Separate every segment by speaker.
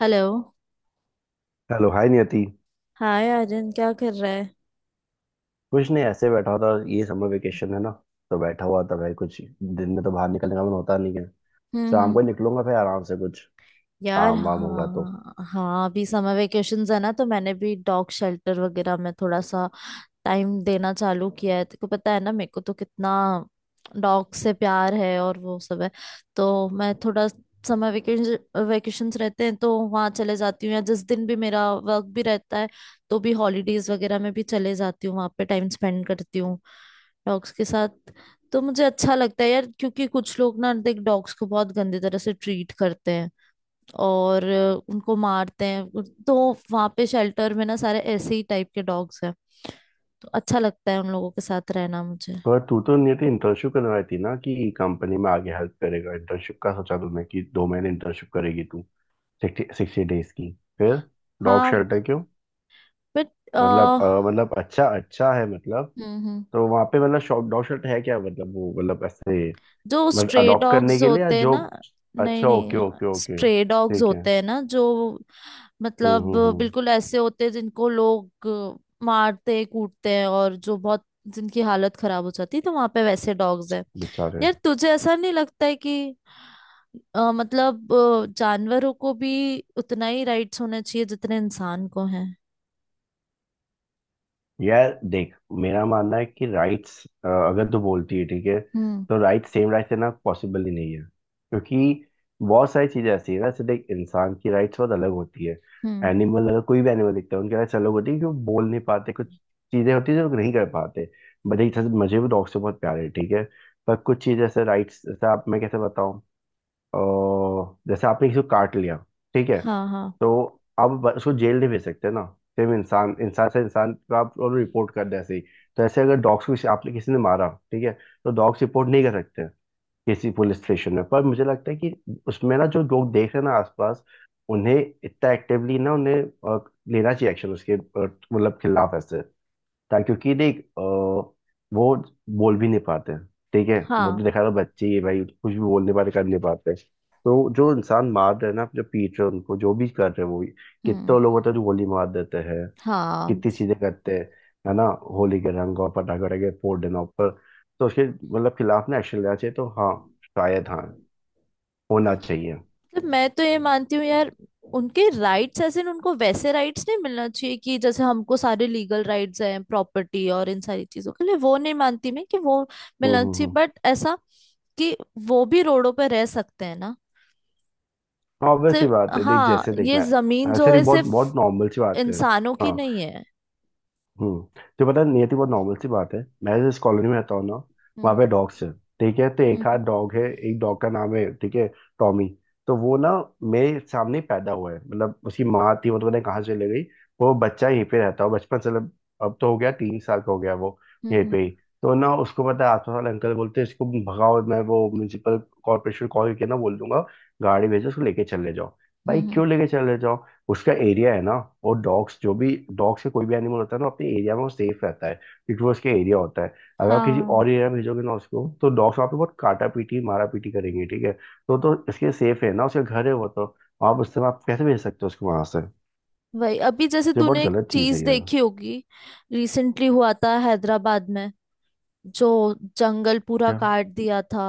Speaker 1: Hello.
Speaker 2: Hello. Hi Niyati.
Speaker 1: Hi Aryan, क्या कर रहा है।
Speaker 2: कुछ नहीं, ऐसे बैठा था। ये समर वेकेशन है ना, तो बैठा हुआ था भाई। कुछ दिन में तो बाहर निकलने का मन होता नहीं है। शाम
Speaker 1: हम्म।
Speaker 2: को ही निकलूंगा, फिर आराम से कुछ
Speaker 1: यार
Speaker 2: काम वाम होगा तो।
Speaker 1: हाँ हाँ, अभी समर वेकेशंस है ना, तो मैंने भी डॉग शेल्टर वगैरह में थोड़ा सा टाइम देना चालू किया है। तेको पता है ना, मेरे को तो कितना डॉग से प्यार है और वो सब है। तो मैं थोड़ा समर वेकेशन वेकेशंस रहते हैं तो वहाँ चले जाती हूँ, या जिस दिन भी मेरा वर्क भी रहता है तो भी हॉलीडेज वगैरह में भी चले जाती हूँ। वहाँ पे टाइम स्पेंड करती हूँ डॉग्स के साथ। तो मुझे अच्छा लगता है यार, क्योंकि कुछ लोग ना देख डॉग्स को बहुत गंदी तरह से ट्रीट करते हैं और उनको मारते हैं। तो वहां पे शेल्टर में ना सारे ऐसे ही टाइप के डॉग्स हैं, तो अच्छा लगता है उन लोगों के साथ रहना मुझे।
Speaker 2: पर तू तो नियति इंटर्नशिप करने वाली थी ना कि कंपनी में आगे हेल्प करेगा, इंटर्नशिप का सोचा तुमने कि 2 महीने इंटर्नशिप करेगी तू, 60 डेज की। फिर डॉग
Speaker 1: हाँ।
Speaker 2: शेल्टर क्यों?
Speaker 1: बट।
Speaker 2: मतलब
Speaker 1: हम्म
Speaker 2: मतलब अच्छा अच्छा है मतलब।
Speaker 1: हम्म।
Speaker 2: तो वहाँ पे मतलब शॉप डॉग शेल्टर है क्या? मतलब वो मतलब ऐसे।
Speaker 1: जो
Speaker 2: मतलब
Speaker 1: स्ट्रे
Speaker 2: अडॉप्ट करने
Speaker 1: डॉग्स
Speaker 2: के लिए या
Speaker 1: होते हैं
Speaker 2: जो।
Speaker 1: ना। नहीं
Speaker 2: अच्छा,
Speaker 1: नहीं।
Speaker 2: Okay okay okay,
Speaker 1: stray dogs
Speaker 2: ठीक है।
Speaker 1: होते हैं ना जो, मतलब
Speaker 2: हम्म।
Speaker 1: बिल्कुल ऐसे होते हैं जिनको लोग मारते कूटते हैं, और जो बहुत जिनकी हालत खराब हो जाती है, तो वहां पे वैसे डॉग्स हैं।
Speaker 2: बेचारे।
Speaker 1: यार तुझे ऐसा नहीं लगता है कि मतलब जानवरों को भी उतना ही राइट्स होना चाहिए जितने इंसान को हैं।
Speaker 2: यार देख, मेरा मानना है कि राइट्स अगर तू बोलती है ठीक है,
Speaker 1: हम्म
Speaker 2: तो राइट सेम राइट देना पॉसिबल ही नहीं है, क्योंकि बहुत सारी चीजें ऐसी है ना। जैसे देख, इंसान की राइट्स बहुत अलग होती है।
Speaker 1: हम्म।
Speaker 2: एनिमल, अगर कोई भी एनिमल दिखता है, उनकी राइट्स अलग होती है कि वो बोल नहीं पाते, कुछ चीजें होती है जो लोग नहीं कर पाते। बट एक तरह से मुझे भी डॉग से बहुत प्यार है, ठीक है। पर कुछ चीजें ऐसे राइट्स जैसे आप, मैं कैसे बताऊं, और जैसे आपने किसी को काट लिया, ठीक है,
Speaker 1: हाँ हाँ
Speaker 2: तो आप उसको जेल नहीं भेज सकते ना। सेम इंसान इंसान से इंसान को आप रिपोर्ट कर दें ऐसे ही। तो ऐसे अगर डॉग्स को आपने किसी ने मारा, ठीक है, तो डॉग्स रिपोर्ट नहीं कर सकते किसी पुलिस स्टेशन में। पर मुझे लगता है कि उसमें ना जो लोग देख रहे हैं ना आसपास, उन्हें इतना एक्टिवली ना उन्हें लेना चाहिए एक्शन उसके मतलब खिलाफ ऐसे। क्योंकि देख वो बोल भी नहीं पाते। ठीक है, वो तो
Speaker 1: हाँ।
Speaker 2: देखा था, बच्चे ही है भाई, कुछ भी बोल नहीं पाते, कर नहीं पाते। तो जो इंसान मार रहे हैं ना, जो पीट रहे हैं उनको, जो भी कर रहे हैं वो,
Speaker 1: हम्म।
Speaker 2: कितने लोग होते हैं जो गोली मार देते हैं,
Speaker 1: हाँ।
Speaker 2: कितनी चीजें करते हैं, है ना। होली के रंग और पटाखे वटाखे फोड़ देना ऊपर, तो उसके मतलब खिलाफ ना एक्शन लेना चाहिए, तो हाँ, शायद हाँ, होना चाहिए।
Speaker 1: मतलब मैं तो ये मानती हूँ यार, उनके राइट्स ऐसे न, उनको वैसे राइट्स नहीं मिलना चाहिए कि जैसे हमको सारे लीगल राइट्स हैं प्रॉपर्टी और इन सारी चीजों के लिए। वो नहीं मानती मैं कि वो मिलना चाहिए,
Speaker 2: हम्म।
Speaker 1: बट ऐसा कि वो भी रोडों पे रह सकते हैं ना।
Speaker 2: ऑब्वियस सी
Speaker 1: सिर्फ
Speaker 2: बात है, देख
Speaker 1: हाँ,
Speaker 2: जैसे देख
Speaker 1: ये
Speaker 2: मैं,
Speaker 1: जमीन जो
Speaker 2: ऐसे
Speaker 1: है
Speaker 2: देख, बहुत
Speaker 1: सिर्फ
Speaker 2: बहुत नॉर्मल सी बात है।
Speaker 1: इंसानों की
Speaker 2: हाँ।
Speaker 1: नहीं है।
Speaker 2: हम्म, तो पता है, नियति, बहुत नॉर्मल सी बात है, मैं जिस कॉलोनी में रहता हूँ ना, वहाँ
Speaker 1: हम्म
Speaker 2: पे डॉग्स है, ठीक है। तो एक आध
Speaker 1: हम्म
Speaker 2: डॉग है, एक डॉग का नाम है, ठीक है, टॉमी। तो वो ना मेरे सामने ही पैदा हुआ है, मतलब उसकी माँ थी, वो तो पता नहीं कहाँ चले गई। वो बच्चा यहीं पे रहता है बचपन से, मतलब अब तो हो गया, 3 साल का हो गया वो, यहीं
Speaker 1: हम्म।
Speaker 2: पे ही। तो ना, उसको पता है, आसपास वाले अंकल बोलते हैं इसको भगाओ, मैं वो म्यूनसिपल कॉर्पोरेशन कॉल करके ना बोल दूंगा, गाड़ी भेजो उसको लेके चले जाओ। भाई
Speaker 1: हम्म।
Speaker 2: क्यों लेके चले जाओ? उसका एरिया है ना। और डॉग्स जो भी, डॉग से कोई भी एनिमल होता है ना अपने एरिया में वो सेफ रहता है, क्योंकि वो उसके एरिया होता है। अगर आप किसी
Speaker 1: हाँ
Speaker 2: और एरिया में भेजोगे ना उसको, तो डॉग्स वहाँ पे बहुत काटा पीटी मारा पीटी करेंगे, ठीक है। तो इसके सेफ है ना, उसका घर है वो तो। आप उससे आप कैसे भेज सकते हो उसको वहां से?
Speaker 1: वही, अभी जैसे
Speaker 2: तो ये बहुत
Speaker 1: तूने एक
Speaker 2: गलत चीज
Speaker 1: चीज
Speaker 2: है ये।
Speaker 1: देखी होगी रिसेंटली, हुआ था हैदराबाद में जो जंगल पूरा
Speaker 2: क्या?
Speaker 1: काट दिया था,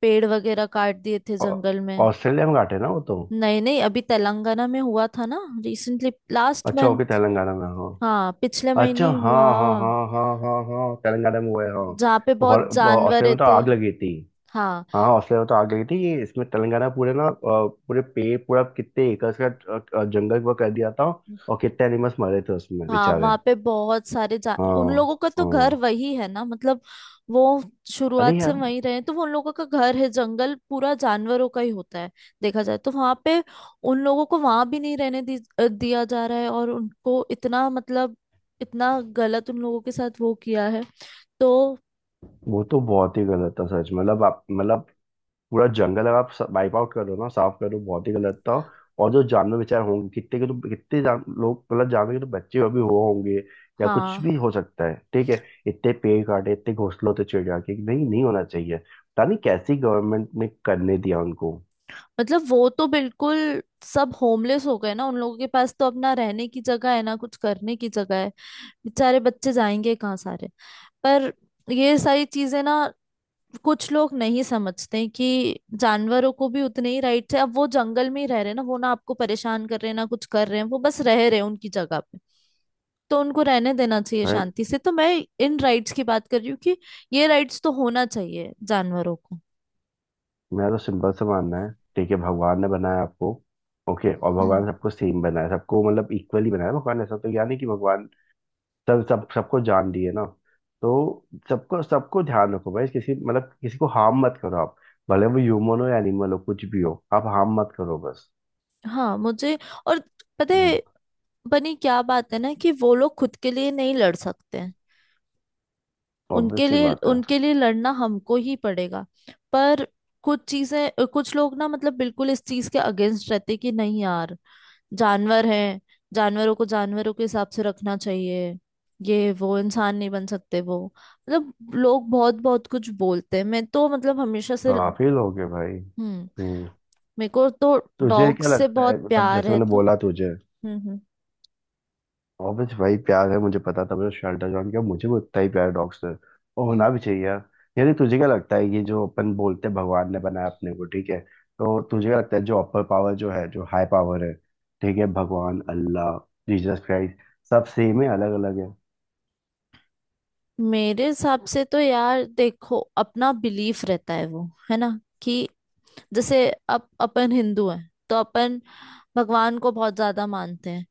Speaker 1: पेड़ वगैरह काट दिए थे
Speaker 2: ऑ-
Speaker 1: जंगल में।
Speaker 2: ऑस्ट्रेलिया में घाट है ना वो तो।
Speaker 1: नहीं नहीं, अभी तेलंगाना में हुआ था ना, रिसेंटली लास्ट
Speaker 2: अच्छा, ओके,
Speaker 1: मंथ।
Speaker 2: तेलंगाना में हो।
Speaker 1: हाँ पिछले महीने
Speaker 2: अच्छा,
Speaker 1: ही हुआ।
Speaker 2: हाँ हाँ हाँ हाँ हाँ हाँ तेलंगाना में हुआ है, हाँ।
Speaker 1: जहाँ पे बहुत
Speaker 2: और ऑस्ट्रेलिया
Speaker 1: जानवर
Speaker 2: में तो
Speaker 1: थे।
Speaker 2: आग लगी थी।
Speaker 1: हाँ।
Speaker 2: हाँ, हौसले तो आ गई थी, ये इसमें तेलंगाना पूरे ना पूरे पे पूरा कितने एकड़ का जंगल वो कर दिया था। और कितने एनिमल्स मरे थे उसमें
Speaker 1: हाँ
Speaker 2: बेचारे।
Speaker 1: वहां पे बहुत सारे जा, उन लोगों
Speaker 2: हाँ
Speaker 1: का तो
Speaker 2: हाँ।
Speaker 1: घर वही है ना, मतलब वो
Speaker 2: अरे
Speaker 1: शुरुआत से
Speaker 2: यार,
Speaker 1: वहीं रहे हैं, तो वो उन लोगों का घर है। जंगल पूरा जानवरों का ही होता है देखा जाए तो। वहां पे उन लोगों को वहां भी नहीं रहने दी, दिया जा रहा है, और उनको इतना मतलब इतना गलत उन लोगों के साथ वो किया है। तो
Speaker 2: वो तो बहुत ही गलत था सच, मतलब आप मतलब पूरा जंगल अगर आप वाइप आउट करो ना, साफ करो, बहुत ही गलत था। और जो जानवर बेचारे होंगे कितने के, तो कितने लोग मतलब जानवर के तो बच्चे अभी हुए होंगे, या कुछ
Speaker 1: हाँ।
Speaker 2: भी हो सकता है, ठीक है। इतने पेड़ काटे, इतने घोंसले होते चिड़िया के, नहीं नहीं होना चाहिए, पता नहीं कैसी गवर्नमेंट ने करने दिया उनको।
Speaker 1: मतलब वो तो बिल्कुल सब होमलेस हो गए ना, उन लोगों के पास तो अपना रहने की जगह है ना, कुछ करने की जगह है। बेचारे बच्चे जाएंगे कहाँ सारे। पर ये सारी चीजें ना कुछ लोग नहीं समझते कि जानवरों को भी उतने ही राइट्स है। अब वो जंगल में ही रह रहे हैं ना, वो ना आपको परेशान कर रहे हैं ना कुछ कर रहे हैं, वो बस रह रहे हैं उनकी जगह पे, तो उनको रहने देना चाहिए
Speaker 2: भाई
Speaker 1: शांति से। तो मैं इन राइट्स की बात कर रही हूँ कि ये राइट्स तो होना चाहिए जानवरों को।
Speaker 2: मेरा तो सिंपल सा मानना है, ठीक है। भगवान ने बनाया आपको, ओके, और
Speaker 1: हम्म।
Speaker 2: भगवान सबको सेम बनाया, सबको मतलब इक्वली बनाया। भगवान ऐसा तो यानी नहीं कि भगवान, सब सब सबको जान दिए ना, तो सबको सबको ध्यान रखो भाई, किसी मतलब किसी को हार्म मत करो आप। भले वो ह्यूमन हो या एनिमल हो कुछ भी हो, आप हार्म मत करो बस।
Speaker 1: हाँ मुझे और पता
Speaker 2: हम्म।
Speaker 1: है बनी क्या बात है ना, कि वो लोग खुद के लिए नहीं लड़ सकते हैं,
Speaker 2: ऑब्वियस सी बात है।
Speaker 1: उनके लिए लड़ना हमको ही पड़ेगा। पर कुछ चीजें कुछ लोग ना मतलब बिल्कुल इस चीज के अगेंस्ट रहते हैं कि नहीं यार जानवर हैं, जानवरों को जानवरों के हिसाब से रखना चाहिए, ये वो इंसान नहीं बन सकते वो, मतलब लोग बहुत बहुत कुछ बोलते हैं। मैं तो मतलब हमेशा से।
Speaker 2: काफी लोग है भाई।
Speaker 1: हम्म।
Speaker 2: हम्म।
Speaker 1: मेरे को तो
Speaker 2: तुझे क्या
Speaker 1: डॉग्स से
Speaker 2: लगता है,
Speaker 1: बहुत
Speaker 2: मतलब
Speaker 1: प्यार
Speaker 2: जैसे
Speaker 1: है
Speaker 2: मैंने
Speaker 1: तो।
Speaker 2: बोला तुझे?
Speaker 1: हम्म हम्म
Speaker 2: ऑब्वियस भाई, प्यार है, मुझे पता था मैंने शेल्टर ज्वाइन किया, मुझे भी उतना ही प्यार डॉग से, और
Speaker 1: हम्म।
Speaker 2: होना भी चाहिए यार। यानी तुझे क्या लगता है, ये जो अपन बोलते हैं भगवान ने बनाया अपने को, ठीक है, तो तुझे क्या लगता है जो अपर पावर जो है, जो हाई पावर है, ठीक है, भगवान अल्लाह जीसस क्राइस्ट, सब सेम है? अलग अलग है?
Speaker 1: मेरे हिसाब से तो यार देखो अपना बिलीफ रहता है वो, है ना। कि जैसे अब अपन हिंदू हैं तो अपन भगवान को बहुत ज्यादा मानते हैं।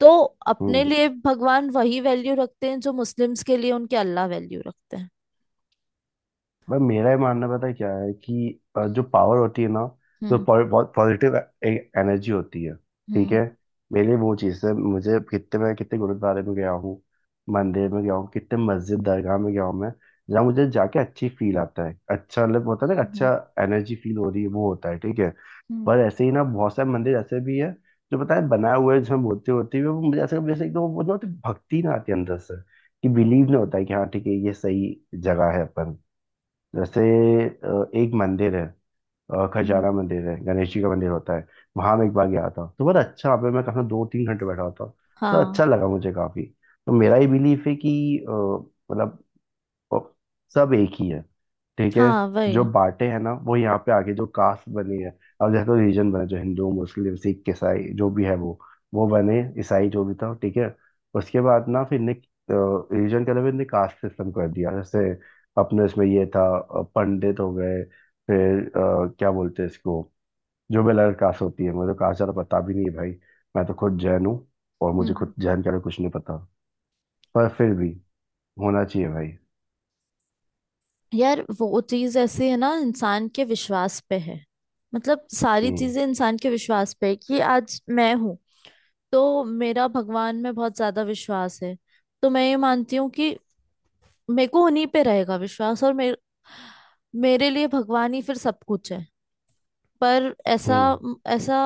Speaker 1: तो अपने
Speaker 2: हम्म।
Speaker 1: लिए भगवान वही वैल्यू रखते हैं जो मुस्लिम्स के लिए उनके अल्लाह वैल्यू रखते हैं।
Speaker 2: भाई मेरा ही मानना पता है क्या है कि जो पावर होती है ना,
Speaker 1: हम्म
Speaker 2: बहुत पॉजिटिव एनर्जी होती है, ठीक
Speaker 1: हम्म
Speaker 2: है। मेरे लिए वो चीज़ है। मुझे कितने, मैं कितने गुरुद्वारे में गया हूँ, मंदिर में गया हूँ, कितने मस्जिद दरगाह में गया हूँ मैं, जहाँ मुझे जाके अच्छी फील आता है, अच्छा मतलब होता है ना,
Speaker 1: हम्म।
Speaker 2: अच्छा एनर्जी फील हो रही है, वो होता है, ठीक है।
Speaker 1: हम्म
Speaker 2: पर ऐसे ही ना बहुत सारे मंदिर ऐसे भी है जो पता है बनाए हुए हैं, जिसमें बोलते होते हुए वो मुझे ऐसा जैसे एकदम वो ना, भक्ति ना आती है अंदर से, कि बिलीव नहीं होता है कि हाँ ठीक है, ये सही जगह है अपन। जैसे एक मंदिर है,
Speaker 1: हम्म।
Speaker 2: खजाना मंदिर है, गणेश जी का मंदिर होता है। वहां मैं एक बार गया था, तो बड़ा अच्छा, वहाँ पे मैं कहा 2-3 घंटे बैठा हुआ था, तो
Speaker 1: हाँ
Speaker 2: अच्छा लगा मुझे काफी। तो मेरा ये बिलीफ है कि अ, मतलब, और सब एक ही है, ठीक है।
Speaker 1: हाँ
Speaker 2: जो
Speaker 1: वही।
Speaker 2: बांटे हैं ना वो यहाँ पे आके जो कास्ट बनी है, अब जैसे तो रीजन बने जो हिंदू मुस्लिम सिख ईसाई जो भी है वो बने, ईसाई जो भी था ठीक है। उसके बाद ना फिर ने रीजन के अलावा ने कास्ट सिस्टम कर दिया, जैसे अपने इसमें ये था पंडित हो गए, फिर क्या बोलते हैं इसको, जो भी अलग कास्ट होती है, मुझे तो कास्ट ज़्यादा पता भी नहीं है भाई, मैं तो खुद जैन हूँ, और
Speaker 1: हम्म
Speaker 2: मुझे
Speaker 1: हम्म।
Speaker 2: खुद जैन के अलावा कुछ नहीं पता। पर फिर भी होना चाहिए भाई।
Speaker 1: यार वो चीज ऐसी है ना, इंसान के विश्वास पे है, मतलब सारी
Speaker 2: हम्म
Speaker 1: चीजें इंसान के विश्वास पे है कि आज मैं हूँ तो मेरा भगवान में बहुत ज्यादा विश्वास है। तो मैं ये मानती हूँ कि मेरे को उन्हीं पे रहेगा विश्वास, और मेरे मेरे लिए भगवान ही फिर सब कुछ है। पर ऐसा
Speaker 2: हम्म।
Speaker 1: ऐसा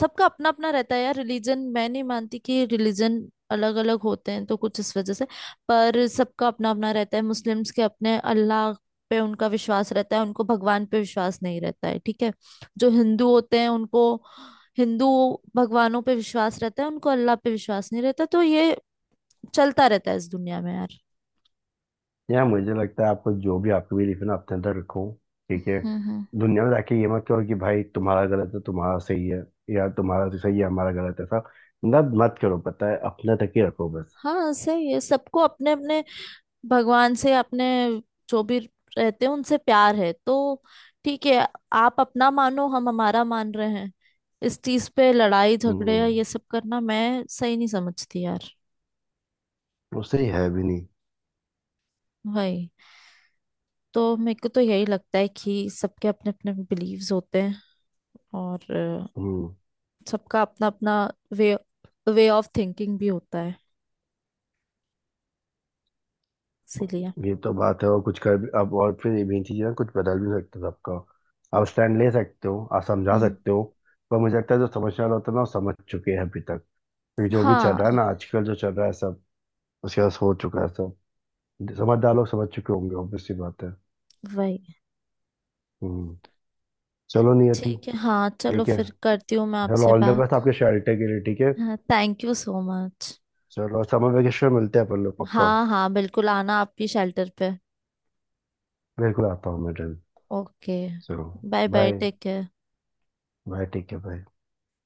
Speaker 1: सबका अपना अपना रहता है यार। रिलीजन मैं नहीं मानती कि रिलीजन अलग अलग होते हैं तो कुछ इस वजह से। पर सबका अपना अपना रहता है। मुस्लिम्स के अपने अल्लाह पे उनका विश्वास रहता है, उनको भगवान पे विश्वास नहीं रहता है। ठीक है। जो हिंदू होते हैं उनको हिंदू भगवानों पे विश्वास रहता है, उनको अल्लाह पे विश्वास नहीं रहता। तो ये चलता रहता है इस दुनिया में यार।
Speaker 2: यार मुझे लगता है, आपको जो भी आपकी बिलीफ है ना, अपने अंदर रखो, ठीक है।
Speaker 1: हम्म।
Speaker 2: दुनिया में जाके ये मत कहो कि भाई तुम्हारा गलत है तुम्हारा सही है, या तुम्हारा तो सही है हमारा गलत है, सब मतलब मत करो, पता है, अपने तक ही रखो बस।
Speaker 1: हाँ सही है, सबको अपने अपने भगवान से, अपने जो भी रहते हैं उनसे प्यार है तो ठीक है। आप अपना मानो, हम हमारा मान रहे हैं, इस चीज पे लड़ाई झगड़े या
Speaker 2: हम्म।
Speaker 1: ये सब करना मैं सही नहीं समझती यार।
Speaker 2: उससे ही है भी नहीं।
Speaker 1: वही, तो मेरे को तो यही लगता है कि सबके अपने अपने बिलीव्स होते हैं, और
Speaker 2: हम्म।
Speaker 1: सबका अपना अपना वे वे ऑफ थिंकिंग भी होता है इसीलिए।
Speaker 2: ये तो बात है, और कुछ कर भी अब, और फिर ये भी चीज़ है ना, कुछ बदल भी सकते हो सबका, आप स्टैंड ले सकते हो, आप समझा
Speaker 1: हम्म।
Speaker 2: सकते हो। पर मुझे लगता है जो समझने वाला होता है ना वो समझ चुके हैं अभी तक, क्योंकि जो भी चल
Speaker 1: हाँ
Speaker 2: रहा है ना आजकल जो चल रहा है सब, उसके बाद हो चुका है सब, समझदार लोग समझ चुके होंगे, ऑब्वियस सी बात है।
Speaker 1: वही।
Speaker 2: हम्म। चलो नियति,
Speaker 1: ठीक है हाँ, चलो
Speaker 2: ठीक है।
Speaker 1: फिर करती हूँ मैं
Speaker 2: चलो,
Speaker 1: आपसे
Speaker 2: ऑल द बेस्ट
Speaker 1: बात।
Speaker 2: आपके शेल्टर के लिए, ठीक है।
Speaker 1: हाँ थैंक यू सो मच।
Speaker 2: चलो समर वेकेशन मिलते हैं अपन लोग पक्का,
Speaker 1: हाँ हाँ बिल्कुल, आना आपकी शेल्टर पे।
Speaker 2: बिल्कुल आता हूँ मैं जल्द।
Speaker 1: ओके।
Speaker 2: चलो,
Speaker 1: bye bye,
Speaker 2: bye.
Speaker 1: Take care.
Speaker 2: Bye, ठीक है, बाय।